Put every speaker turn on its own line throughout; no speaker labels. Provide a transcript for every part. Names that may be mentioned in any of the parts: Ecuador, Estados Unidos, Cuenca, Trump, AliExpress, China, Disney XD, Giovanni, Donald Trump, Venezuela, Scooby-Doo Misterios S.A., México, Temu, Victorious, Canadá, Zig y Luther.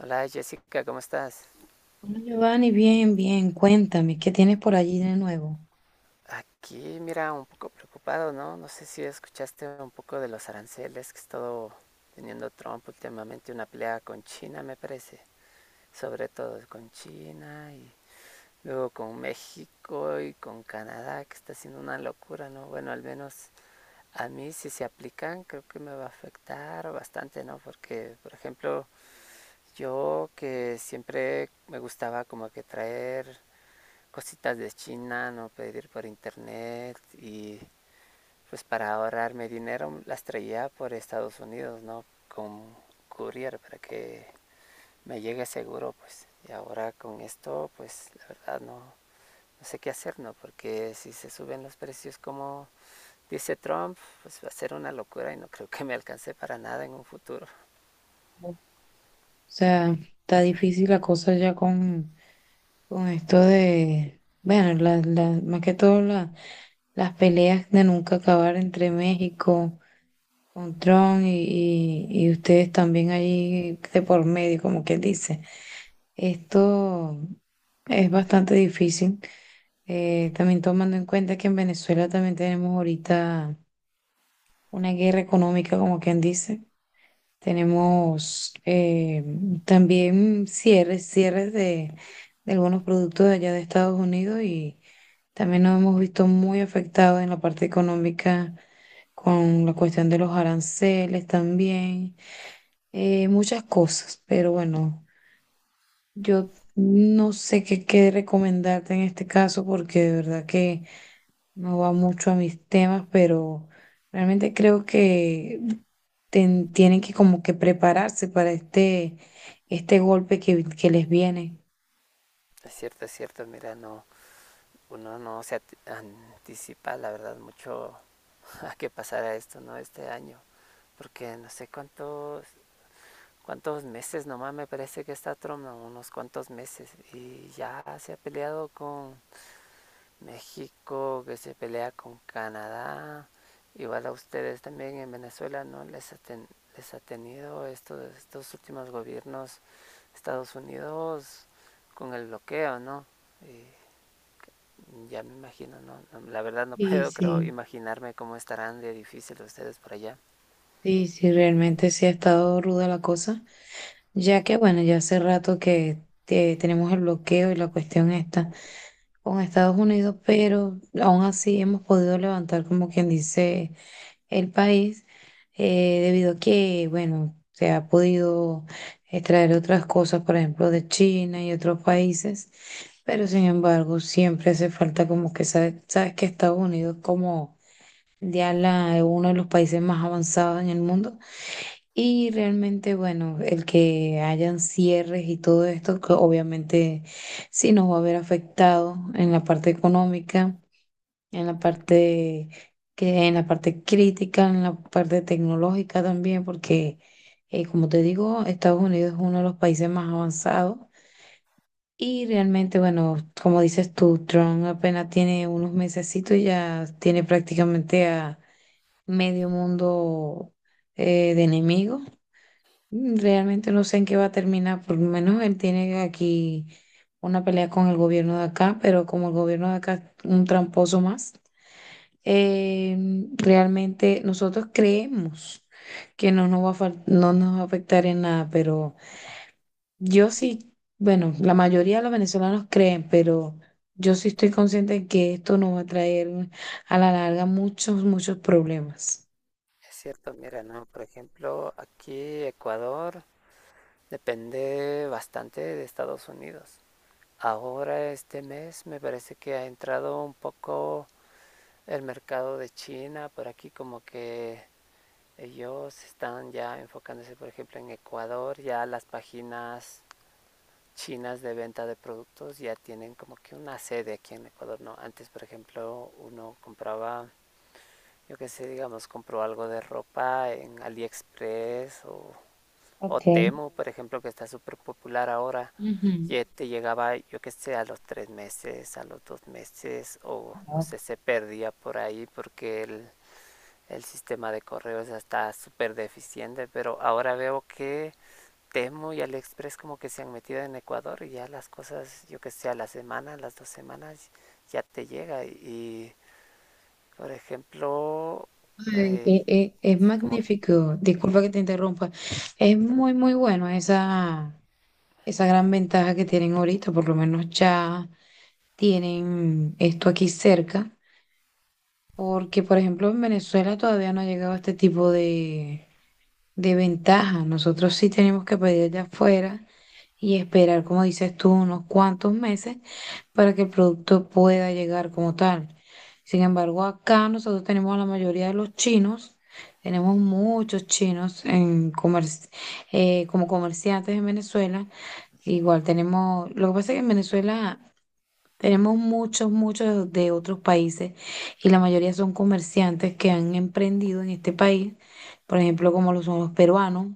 Hola Jessica, ¿cómo estás?
Bueno, Giovanni, bien, bien, cuéntame, ¿qué tienes por allí de nuevo?
Aquí, mira, un poco preocupado, ¿no? No sé si escuchaste un poco de los aranceles que ha estado teniendo Trump últimamente, una pelea con China, me parece, sobre todo con China y luego con México y con Canadá, que está haciendo una locura, ¿no? Bueno, al menos a mí si se aplican, creo que me va a afectar bastante, ¿no? Porque, por ejemplo, yo que siempre me gustaba como que traer cositas de China, no pedir por internet y pues para ahorrarme dinero las traía por Estados Unidos, ¿no? Con courier para que me llegue seguro, pues. Y ahora con esto, pues la verdad no sé qué hacer, ¿no? Porque si se suben los precios como dice Trump, pues va a ser una locura y no creo que me alcance para nada en un futuro.
O sea, está difícil la cosa ya con esto de, bueno, más que todo las peleas de nunca acabar entre México, con Trump y ustedes también allí de por medio, como quien dice. Esto es bastante difícil, también tomando en cuenta que en Venezuela también tenemos ahorita una guerra económica, como quien dice. Tenemos también cierres, cierres de algunos productos de allá de Estados Unidos, y también nos hemos visto muy afectados en la parte económica con la cuestión de los aranceles también, muchas cosas, pero bueno. Yo no sé qué recomendarte en este caso, porque de verdad que no va mucho a mis temas, pero realmente creo que tienen que como que prepararse para este golpe que les viene.
Es cierto, mira, no, uno no se anticipa, la verdad, mucho a qué pasará esto, ¿no? Este año. Porque no sé cuántos meses nomás me parece que está Trump, no, unos cuantos meses, y ya se ha peleado con México, que se pelea con Canadá, igual a ustedes también en Venezuela, ¿no? Les ha tenido estos últimos gobiernos Estados Unidos con el bloqueo, ¿no? Y ya me imagino, ¿no? No, la verdad no
Y
puedo, creo,
sí,
imaginarme cómo estarán de difícil ustedes por allá.
sí, sí, realmente sí ha estado ruda la cosa, ya que bueno, ya hace rato que tenemos el bloqueo y la cuestión está con Estados Unidos, pero aún así hemos podido levantar, como quien dice, el país, debido a que, bueno, se ha podido extraer otras cosas, por ejemplo, de China y otros países. Pero sin embargo, siempre hace falta como que, sabes que Estados Unidos, como ya la, uno de los países más avanzados en el mundo, y realmente, bueno, el que hayan cierres y todo esto, que obviamente sí nos va a haber afectado en la parte económica, en la parte, que en la parte crítica, en la parte tecnológica también, porque como te digo, Estados Unidos es uno de los países más avanzados. Y realmente, bueno, como dices tú, Trump apenas tiene unos mesecitos y ya tiene prácticamente a medio mundo de enemigos. Mm. Realmente no sé en qué va a terminar. Por lo menos él tiene aquí una pelea con el gobierno de acá, pero como el gobierno de acá es un tramposo más, eh, realmente nosotros creemos que no nos va a no nos va a afectar en nada. Pero yo sí, bueno, la mayoría de los venezolanos creen, pero yo sí estoy consciente de que esto nos va a traer a la larga muchos, muchos problemas.
Es cierto, mira, ¿no? Por ejemplo, aquí Ecuador depende bastante de Estados Unidos. Ahora este mes me parece que ha entrado un poco el mercado de China por aquí, como que ellos están ya enfocándose, por ejemplo, en Ecuador, ya las páginas chinas de venta de productos ya tienen como que una sede aquí en Ecuador, ¿no? Antes, por ejemplo, uno compraba, yo qué sé, digamos, compró algo de ropa en AliExpress o
Ok.
Temu, por ejemplo, que está súper popular ahora,
Ujú.
y te llegaba, yo qué sé, a los 3 meses, a los 2 meses, o no
Wow.
sé, se perdía por ahí porque el sistema de correos ya está súper deficiente, pero ahora veo que Temu y AliExpress como que se han metido en Ecuador y ya las cosas, yo que sé, a la semana, a las 2 semanas ya te llega y, por ejemplo,
Ay,
eh,
es
como,
magnífico, disculpa que te interrumpa, es muy muy bueno esa gran ventaja que tienen ahorita, por lo menos ya tienen esto aquí cerca, porque por ejemplo en Venezuela todavía no ha llegado este tipo de ventaja. Nosotros sí tenemos que pedir de afuera y esperar, como dices tú, unos cuantos meses para que el producto pueda llegar como tal. Sin embargo, acá nosotros tenemos a la mayoría de los chinos, tenemos muchos chinos en como comerciantes en Venezuela. Igual tenemos, lo que pasa es que en Venezuela tenemos muchos, muchos de otros países, y la mayoría son comerciantes que han emprendido en este país, por ejemplo, como lo son los peruanos,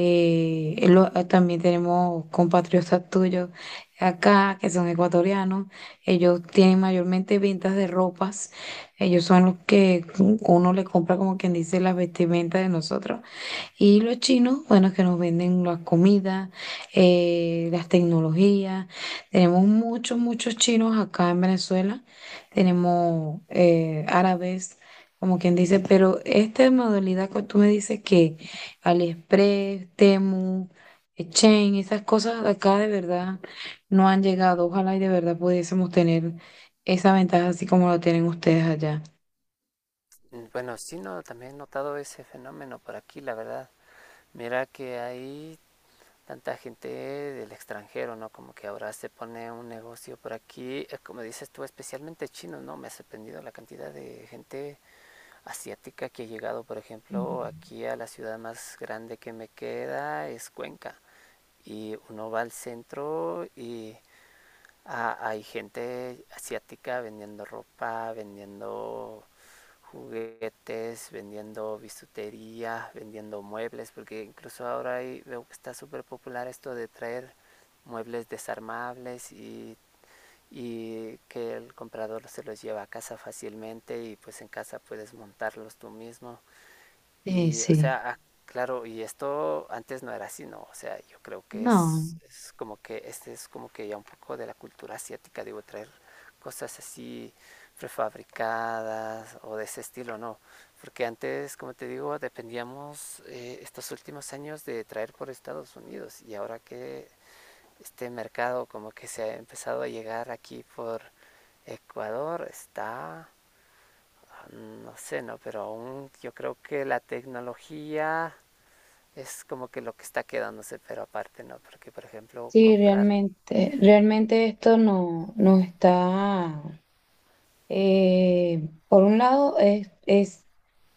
también tenemos compatriotas tuyos acá que son ecuatorianos. Ellos tienen mayormente ventas de ropas. Ellos son los que uno le compra, como quien dice, las vestimentas de nosotros. Y los chinos, bueno, que nos venden las comidas, las tecnologías. Tenemos muchos, muchos chinos acá en Venezuela. Tenemos árabes, como quien dice. Pero esta modalidad que tú me dices, que AliExpress, Temu, Chain, esas cosas de acá, de verdad no han llegado. Ojalá y de verdad pudiésemos tener esa ventaja así como la tienen ustedes allá.
bueno, sí, no, también he notado ese fenómeno por aquí, la verdad. Mira que hay tanta gente del extranjero, ¿no? Como que ahora se pone un negocio por aquí, como dices tú, especialmente chino, ¿no? Me ha sorprendido la cantidad de gente asiática que ha llegado, por
Ujú.
ejemplo, aquí a la ciudad más grande que me queda, es Cuenca. Y uno va al centro y ah, hay gente asiática vendiendo ropa, vendiendo juguetes, vendiendo bisutería, vendiendo muebles, porque incluso ahora hay veo que está súper popular esto de traer muebles desarmables y que el comprador se los lleva a casa fácilmente y pues en casa puedes montarlos tú mismo.
Sí,
Y, o
sí.
sea, ah, claro, y esto antes no era así, ¿no? O sea, yo creo que
No.
es como que este es como que ya un poco de la cultura asiática, digo, traer cosas así prefabricadas o de ese estilo, ¿no? Porque antes, como te digo, dependíamos estos últimos años de traer por Estados Unidos y ahora que este mercado como que se ha empezado a llegar aquí por Ecuador, está no sé, no, pero aún yo creo que la tecnología es como que lo que está quedándose, pero aparte no, porque por ejemplo
Sí,
comprar,
realmente, realmente esto no, no está. Por un lado, es, es,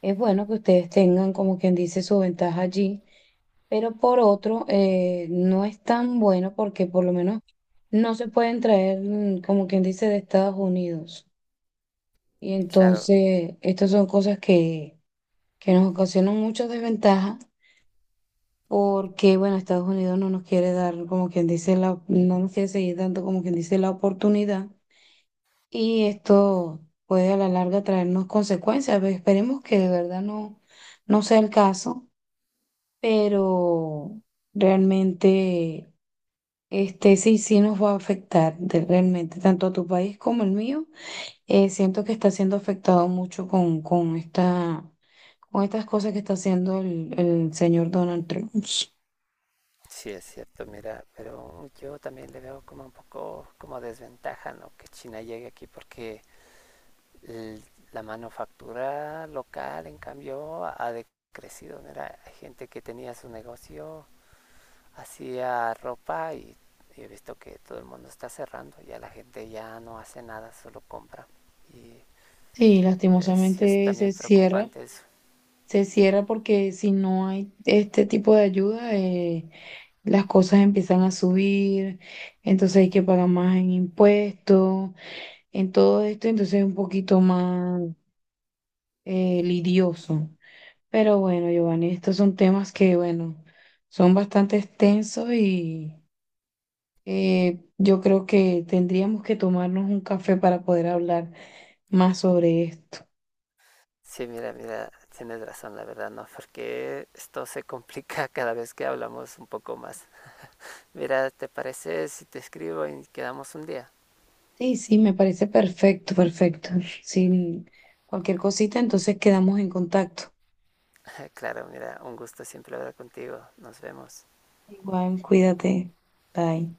es bueno que ustedes tengan, como quien dice, su ventaja allí, pero por otro, no es tan bueno porque por lo menos no se pueden traer, como quien dice, de Estados Unidos. Y
claro,
entonces, estas son cosas que nos ocasionan muchas desventajas, porque, bueno, Estados Unidos no nos quiere dar, como quien dice, la, no nos quiere seguir dando, como quien dice, la oportunidad. Y esto puede a la larga traernos consecuencias. Ve, esperemos que de verdad no, no sea el caso, pero realmente este sí, sí nos va a afectar realmente tanto a tu país como el mío. Siento que está siendo afectado mucho con estas cosas que está haciendo el señor Donald Trump.
sí es cierto, mira, pero yo también le veo como un poco como desventaja, ¿no? Que China llegue aquí porque el- la manufactura local, en cambio, ha decrecido, mira, hay gente que tenía su negocio hacía ropa y he visto que todo el mundo está cerrando, ya la gente ya no hace nada, solo compra. Y
Sí,
sí es
lastimosamente
también preocupante eso.
se cierra porque si no hay este tipo de ayuda, las cosas empiezan a subir, entonces hay que pagar más en impuestos, en todo esto, entonces es un poquito más lidioso. Pero bueno, Giovanni, estos son temas que, bueno, son bastante extensos y yo creo que tendríamos que tomarnos un café para poder hablar más sobre esto.
Sí, mira, mira, tienes razón, la verdad, ¿no? Porque esto se complica cada vez que hablamos un poco más. Mira, ¿te parece si te escribo y quedamos un día?
Sí, sí, me parece perfecto, perfecto. Sin cualquier cosita, entonces quedamos en contacto.
claro, mira, un gusto siempre hablar contigo. Nos vemos.
Igual, cuídate. Bye.